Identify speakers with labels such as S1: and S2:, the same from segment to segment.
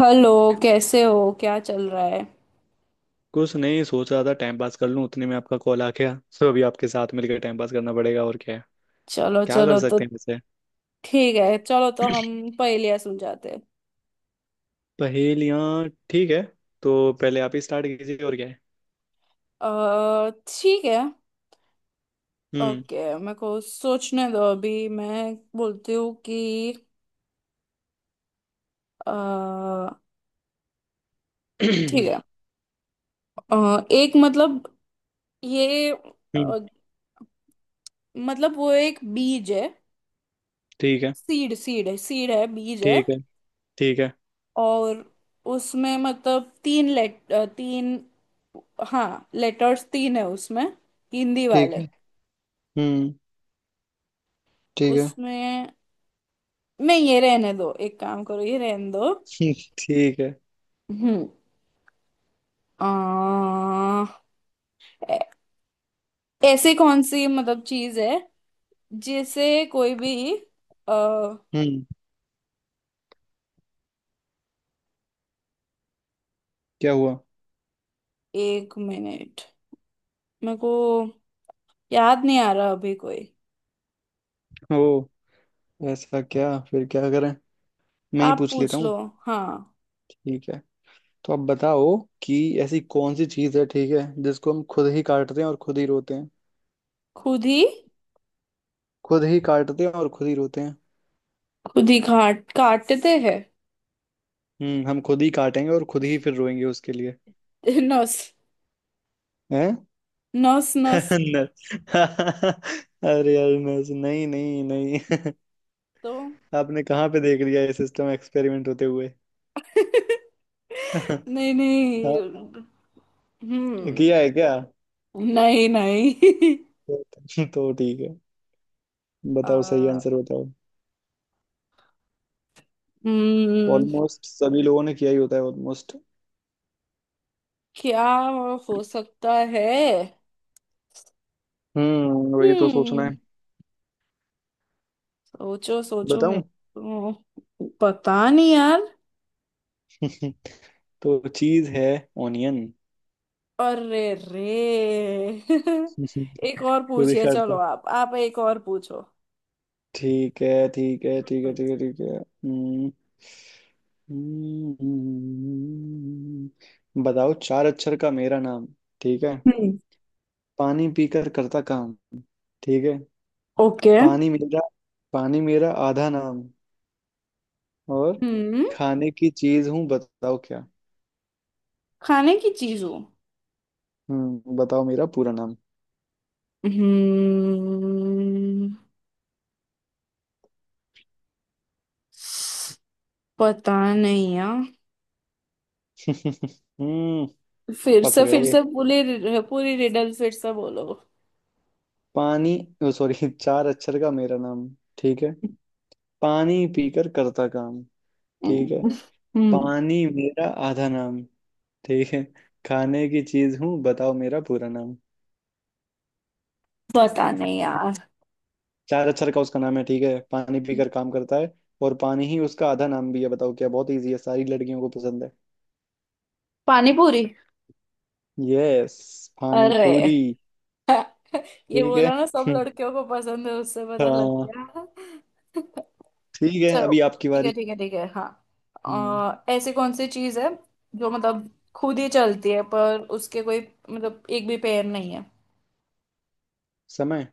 S1: Hello. कैसे हो, क्या चल रहा है?
S2: कुछ नहीं, सोच रहा था टाइम पास कर लूं, उतने में आपका कॉल आ गया। सो अभी आपके साथ मिलकर टाइम पास करना पड़ेगा, और क्या है।
S1: चलो
S2: क्या कर
S1: चलो तो
S2: सकते हैं वैसे।
S1: ठीक है, चलो तो हम पहेलियाँ सुलझाते हैं।
S2: पहेलियाँ, ठीक है। तो पहले आप ही स्टार्ट कीजिए, और क्या है।
S1: अ, ठीक है।
S2: हम्म।
S1: ओके, मेरे को सोचने दो, अभी मैं बोलती हूँ कि अ, ठीक है। एक मतलब ये
S2: हम्म,
S1: अ, मतलब वो एक बीज है।
S2: ठीक है,
S1: सीड सीड है बीज है।
S2: ठीक है, ठीक है,
S1: और उसमें मतलब तीन लेट तीन, हाँ लेटर्स तीन है उसमें, हिंदी
S2: ठीक
S1: वाले।
S2: है। हम्म, ठीक है।
S1: उसमें मैं, ये रहने दो, एक काम करो ये रहने दो।
S2: ठीक है।
S1: हम्म। आ, ऐ- ऐसे कौन सी मतलब चीज है जिसे कोई भी आ,
S2: हम्म, क्या हुआ?
S1: एक मिनट, मेरे को याद नहीं आ रहा अभी कोई।
S2: ओ, ऐसा क्या? फिर क्या करें, मैं ही
S1: आप
S2: पूछ लेता
S1: पूछ लो।
S2: हूँ।
S1: हाँ।
S2: ठीक है, तो आप बताओ कि ऐसी कौन सी चीज़ है, ठीक है, जिसको हम खुद ही काटते हैं और खुद ही रोते हैं।
S1: खुद ही
S2: खुद ही काटते हैं और खुद ही रोते हैं।
S1: काटते हैं।
S2: हम्म, हम खुद ही काटेंगे और खुद ही फिर रोएंगे उसके लिए।
S1: नस।
S2: हैं?
S1: नस नस।
S2: न- अरे यार, नहीं नहीं नहीं।
S1: तो
S2: आपने कहाँ पे देख लिया ये सिस्टम एक्सपेरिमेंट होते हुए? हाँ,
S1: नहीं नहीं। हम्म।
S2: किया है क्या?
S1: नहीं नहीं।
S2: तो तो ठीक है, बताओ सही
S1: आ,
S2: आंसर बताओ।
S1: हम्म।
S2: ऑलमोस्ट सभी लोगों ने किया ही होता है, ऑलमोस्ट।
S1: क्या हो सकता है?
S2: हम्म, वही तो सोचना
S1: हम्म।
S2: है।
S1: सोचो सोचो, मैं
S2: बताऊं?
S1: तो पता नहीं यार।
S2: तो चीज है ऑनियन।
S1: अरे रे। एक और
S2: खुद ही
S1: पूछिए,
S2: काटते
S1: चलो
S2: हैं।
S1: आप एक और पूछो।
S2: ठीक है, ठीक है, ठीक है,
S1: हम्म।
S2: ठीक है, ठीक है। हम्म। हम्म। हम्म। बताओ, चार अक्षर का मेरा नाम। ठीक है,
S1: हम्म।
S2: पानी पीकर करता काम। ठीक है,
S1: ओके।
S2: पानी मेरा, पानी मेरा आधा नाम। और
S1: हम्म।
S2: खाने की चीज हूँ, बताओ क्या।
S1: खाने की चीजों।
S2: हम्म, बताओ मेरा पूरा नाम।
S1: हम्म। पता नहीं यार।
S2: हम्म।
S1: फिर
S2: फंस
S1: से, फिर
S2: गए।
S1: से पूरी पूरी रिडल फिर से बोलो।
S2: पानी। ओ सॉरी। चार अक्षर का मेरा नाम, ठीक है। पानी पीकर करता काम, ठीक है।
S1: हम्म।
S2: पानी मेरा आधा नाम, ठीक है। खाने की चीज हूँ, बताओ मेरा पूरा नाम।
S1: पता नहीं यार।
S2: चार अक्षर का उसका नाम है, ठीक है, पानी पीकर काम करता है, और पानी ही उसका आधा नाम भी है। बताओ क्या, बहुत इजी है, सारी लड़कियों को पसंद है।
S1: पानीपुरी।
S2: यस, पानी
S1: अरे।
S2: पूरी।
S1: ये
S2: ठीक है।
S1: बोला ना सब लड़कियों को पसंद है, उससे पता लग
S2: हाँ।
S1: गया।
S2: ठीक है,
S1: चलो
S2: अभी आपकी
S1: ठीक है
S2: बारी।
S1: ठीक है ठीक है हाँ।
S2: हम्म,
S1: ऐसी कौन सी चीज है जो मतलब खुद ही चलती है पर उसके कोई मतलब एक भी पैर नहीं है।
S2: समय।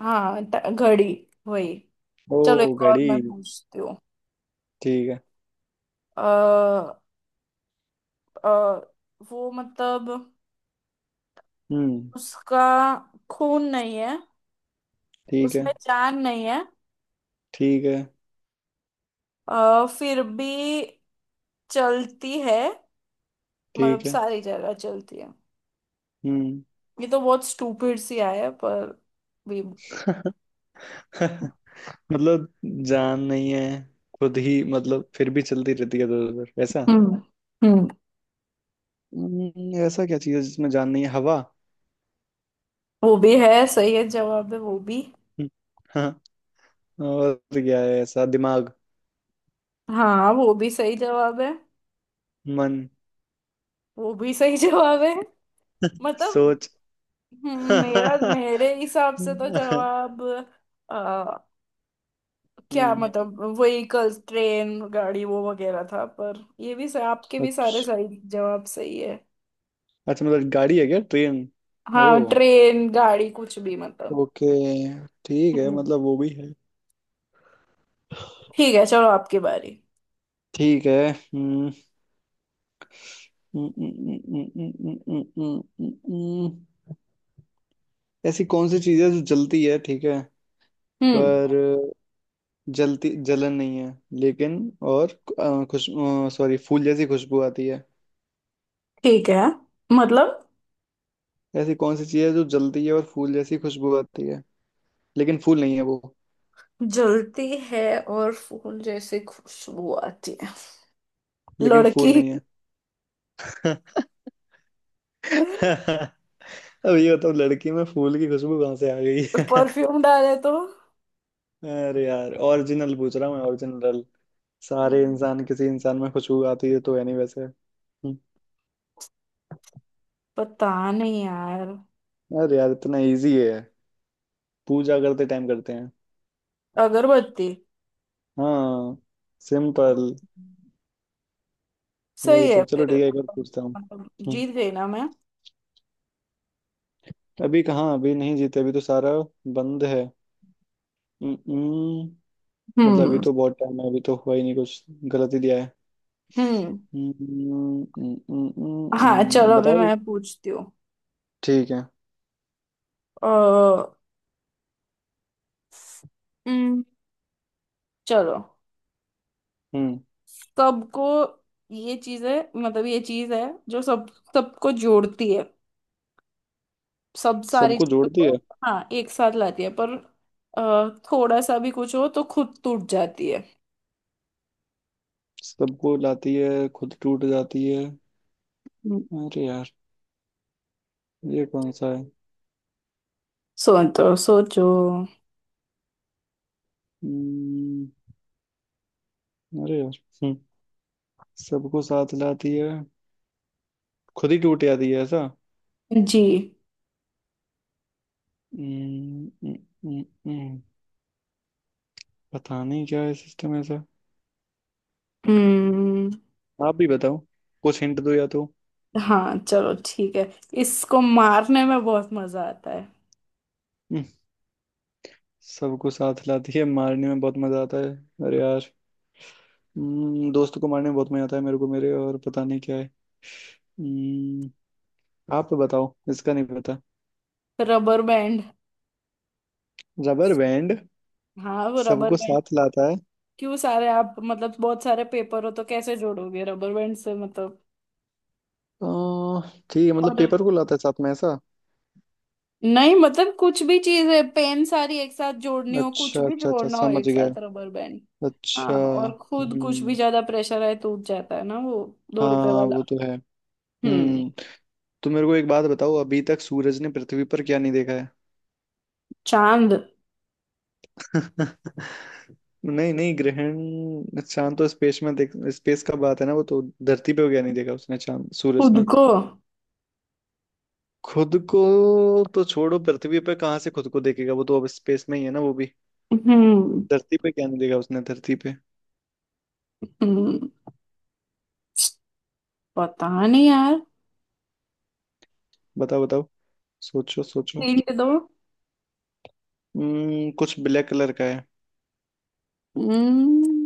S1: हाँ घड़ी, वही।
S2: ओ,
S1: चलो एक और
S2: घड़ी।
S1: मैं पूछती हूँ।
S2: ठीक है।
S1: अ, अ, वो मतलब
S2: हम्म,
S1: उसका खून नहीं है,
S2: ठीक है,
S1: उसमें जान नहीं है,
S2: ठीक है,
S1: फिर भी चलती है, मतलब
S2: ठीक है।
S1: सारी जगह चलती है।
S2: हम्म।
S1: ये तो बहुत स्टूपिड सी आया है, पर भी।
S2: मतलब जान नहीं है, खुद ही मतलब फिर भी चलती रहती है इधर उधर ऐसा।
S1: हम्म। हम्म।
S2: ऐसा क्या चीज है जिसमें जान नहीं है? हवा।
S1: वो भी है, सही है जवाब है वो भी।
S2: हम्म, हाँ। और क्या है ऐसा? दिमाग,
S1: हाँ वो भी सही जवाब है।
S2: मन,
S1: वो भी सही जवाब है। मतलब
S2: सोच।
S1: मेरा मेरे हिसाब से तो जवाब अ, क्या
S2: हम्म,
S1: मतलब व्हीकल्स, ट्रेन गाड़ी वो वगैरह था, पर ये भी आपके भी सारे
S2: अच्छा।
S1: सही जवाब सही है।
S2: अच्छा मतलब गाड़ी है क्या, ट्रेन? ओ,
S1: हाँ ट्रेन गाड़ी कुछ भी मतलब।
S2: ओके। ठीक है,
S1: हम्म।
S2: मतलब वो भी है।
S1: ठीक है, चलो आपकी बारी।
S2: ठीक है। हम्म, हम्म, हम्म, हम्म, हम्म, हम्म, हम्म, हम्म, हम्म। ऐसी कौन सी चीज है जो जलती है, ठीक है,
S1: हम्म।
S2: पर जलती जलन नहीं है लेकिन। और अ, खुश सॉरी फूल जैसी खुशबू आती है।
S1: ठीक है मतलब
S2: ऐसी कौन सी चीज है जो जलती है और फूल जैसी खुशबू आती है, लेकिन फूल नहीं है वो।
S1: जलती है और फूल जैसे खुशबू आती है।
S2: लेकिन फूल
S1: लड़की।
S2: नहीं है। अब ये बताओ लड़की में फूल की खुशबू कहाँ से आ गई?
S1: परफ्यूम डाले तो।
S2: अरे यार, ओरिजिनल पूछ रहा हूँ मैं, ओरिजिनल। सारे
S1: हम्म,
S2: इंसान, किसी इंसान में खुशबू आती है तो है नहीं वैसे। हम्म,
S1: पता नहीं यार।
S2: अरे यार इतना इजी है। पूजा करते टाइम करते हैं।
S1: अगरबत्ती।
S2: हाँ, सिंपल। वही
S1: सही है
S2: तो। चलो
S1: फिर।
S2: ठीक है, एक और पूछता हूँ।
S1: मतलब
S2: हम्म।
S1: जीत गई ना मैं।
S2: अभी कहाँ, अभी नहीं जीते, अभी तो सारा बंद है। हम्म, मतलब अभी
S1: हम्म।
S2: तो बहुत टाइम है, अभी तो हुआ ही नहीं कुछ। गलत ही दिया है।
S1: हम्म। हाँ चलो अभी
S2: बताओ।
S1: मैं पूछती हूँ।
S2: ठीक है।
S1: अ, हम्म, चलो
S2: हम्म।
S1: सबको, ये चीज है, मतलब ये चीज है जो सब सबको जोड़ती है, सब सारी
S2: सबको
S1: चीजों
S2: जोड़ती
S1: को।
S2: है?
S1: हाँ एक साथ लाती है, पर थोड़ा सा भी कुछ हो तो खुद टूट जाती है।
S2: सबको लाती है, खुद टूट जाती है।
S1: हम्म,
S2: अरे यार, ये कौन सा है?
S1: सोचो सोचो।
S2: हम्म, अरे यार। हम्म, सबको साथ लाती है, खुद ही टूट जाती है ऐसा।
S1: जी।
S2: हम्म, हम्म, हम्म, हम्म। पता नहीं क्या है सिस्टम ऐसा।
S1: हम्म।
S2: आप भी बताओ, कुछ हिंट दो या तो।
S1: हाँ चलो ठीक है, इसको मारने में बहुत मजा आता है।
S2: हम्म, सबको साथ लाती है, मारने में बहुत मजा आता है। अरे यार। दोस्त को मारने में बहुत मजा आता है, मेरे को, मेरे और पता नहीं क्या है। हम्म, आप बताओ, इसका नहीं पता।
S1: Rubber band.
S2: Rubber band?
S1: हाँ वो रबर
S2: सबको
S1: बैंड।
S2: साथ लाता है?
S1: क्यों, सारे आप मतलब बहुत सारे पेपर हो तो कैसे जोड़ोगे रबर बैंड से मतलब।
S2: अह, ठीक है, मतलब
S1: और
S2: पेपर को लाता है साथ में ऐसा।
S1: नहीं मतलब कुछ भी चीज है, पेन सारी एक साथ जोड़नी हो, कुछ
S2: अच्छा,
S1: भी
S2: अच्छा, अच्छा,
S1: जोड़ना हो
S2: समझ
S1: एक
S2: गया।
S1: साथ, रबर बैंड। हाँ।
S2: अच्छा।
S1: और खुद कुछ भी
S2: हम्म,
S1: ज्यादा प्रेशर आए टूट जाता है ना वो। दो रुपए
S2: हाँ
S1: वाला।
S2: वो तो है।
S1: हम्म।
S2: हम्म। तो मेरे को एक बात बताओ, अभी तक सूरज ने पृथ्वी पर क्या नहीं देखा है?
S1: चांद।
S2: नहीं नहीं, ग्रहण चांद तो स्पेस में देख, स्पेस का बात है ना, वो तो धरती पे हो गया, नहीं देखा उसने चांद सूरज
S1: खुद
S2: ने।
S1: को।
S2: खुद को? तो छोड़ो, पृथ्वी पे कहाँ से खुद को देखेगा, वो तो अब स्पेस में ही है ना वो भी।
S1: हम्म।
S2: धरती पे क्या नहीं देखा उसने धरती पे?
S1: हम्म। पता नहीं यार।
S2: बताओ बताओ, सोचो सोचो।
S1: हिंट दो।
S2: हम्म, कुछ ब्लैक कलर का है।
S1: हम्म,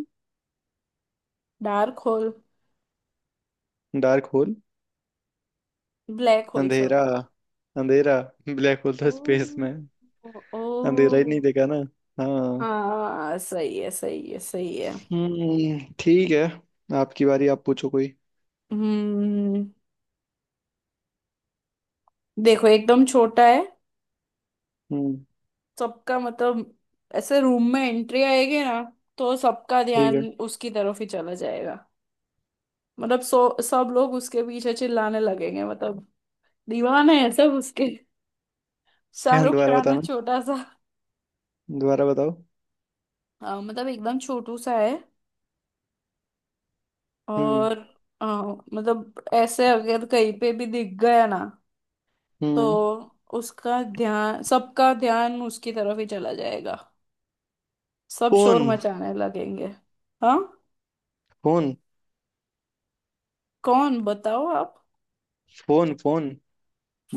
S1: dark hole.
S2: Dark hole?
S1: Black hole,
S2: अंधेरा,
S1: सॉरी।
S2: अंधेरा। ब्लैक होल
S1: ओ।
S2: तो स्पेस में है।
S1: ओ।
S2: अंधेरा ही नहीं देखा ना। हाँ।
S1: हाँ सही है सही है सही है।
S2: हम्म, ठीक है। आपकी बारी, आप पूछो कोई।
S1: हम्म। देखो एकदम छोटा है,
S2: हम्म,
S1: सबका मतलब ऐसे रूम में एंट्री आएगी ना तो सबका
S2: ठीक है।
S1: ध्यान उसकी तरफ ही चला जाएगा। मतलब सो सब लोग उसके पीछे चिल्लाने लगेंगे, मतलब दीवाने है सब उसके।
S2: क्या,
S1: शाहरुख
S2: दोबारा
S1: खान है,
S2: बताना?
S1: छोटा सा।
S2: दोबारा बताओ।
S1: हाँ, मतलब एकदम छोटू सा है।
S2: हम्म।
S1: और हाँ, मतलब ऐसे अगर कहीं पे भी दिख गया ना तो
S2: हम्म।
S1: उसका ध्यान, सबका ध्यान उसकी तरफ ही चला जाएगा, सब
S2: फोन।
S1: शोर मचाने लगेंगे। हाँ।
S2: फोन।
S1: कौन, बताओ आप।
S2: Phone, phone.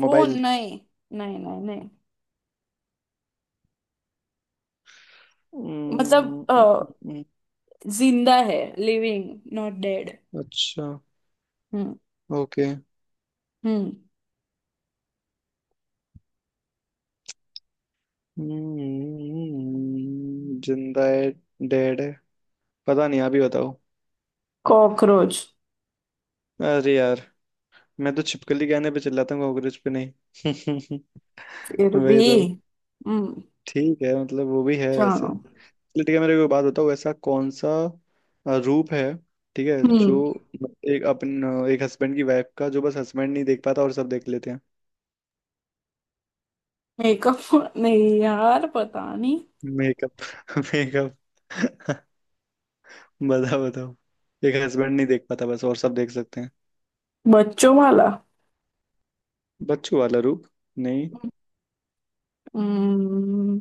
S1: फोन नहीं। नहीं नहीं नहीं। मतलब
S2: हम्म, हम्म,
S1: जिंदा है, लिविंग नॉट डेड।
S2: अच्छा,
S1: हम्म।
S2: ओके।
S1: हम्म।
S2: जिंदा है, डेड है, पता नहीं, आप ही बताओ।
S1: कॉकरोच।
S2: अरे यार, मैं तो छिपकली गाने पे चिल्लाता हूँ कांग्रेस पे नहीं।
S1: फिर भी।
S2: वही तो।
S1: हम्म।
S2: ठीक है, मतलब वो भी है
S1: चलो।
S2: वैसे। ठीक है, मेरे को एक बात बताओ, ऐसा कौन सा रूप है, ठीक है, जो
S1: हम्म।
S2: एक हस्बैंड की वाइफ का जो बस हस्बैंड नहीं देख पाता और सब देख लेते हैं?
S1: मेकअप नहीं यार, पता नहीं।
S2: मेकअप? मेकअप। बताओ बताओ, एक हस्बैंड नहीं देख पाता बस, और सब देख सकते हैं।
S1: बच्चों वाला।
S2: बच्चों वाला रूप, नहीं।
S1: हम्म।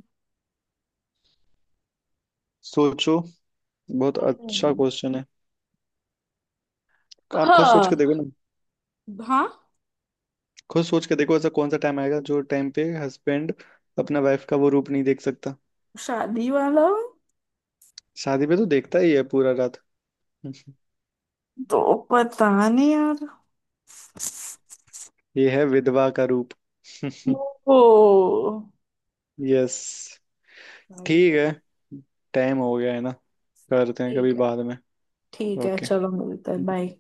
S2: सोचो, बहुत अच्छा
S1: हम्म,
S2: क्वेश्चन है। आप खुद सोच के
S1: हाँ।
S2: देखो ना।
S1: हाँ।
S2: खुद सोच के देखो, ऐसा कौन सा टाइम आएगा जो टाइम पे हस्बैंड अपना वाइफ का वो रूप नहीं देख सकता?
S1: शादी वाला।
S2: शादी पे तो देखता ही है पूरा रात।
S1: तो पता नहीं यार।
S2: ये है विधवा का रूप।
S1: ओ।
S2: यस।
S1: सही
S2: ठीक
S1: है।
S2: है, टाइम हो गया है ना, करते हैं
S1: ठीक
S2: कभी
S1: है।
S2: बाद में।
S1: ठीक है
S2: ओके।
S1: चलो, मिलते हैं, बाय।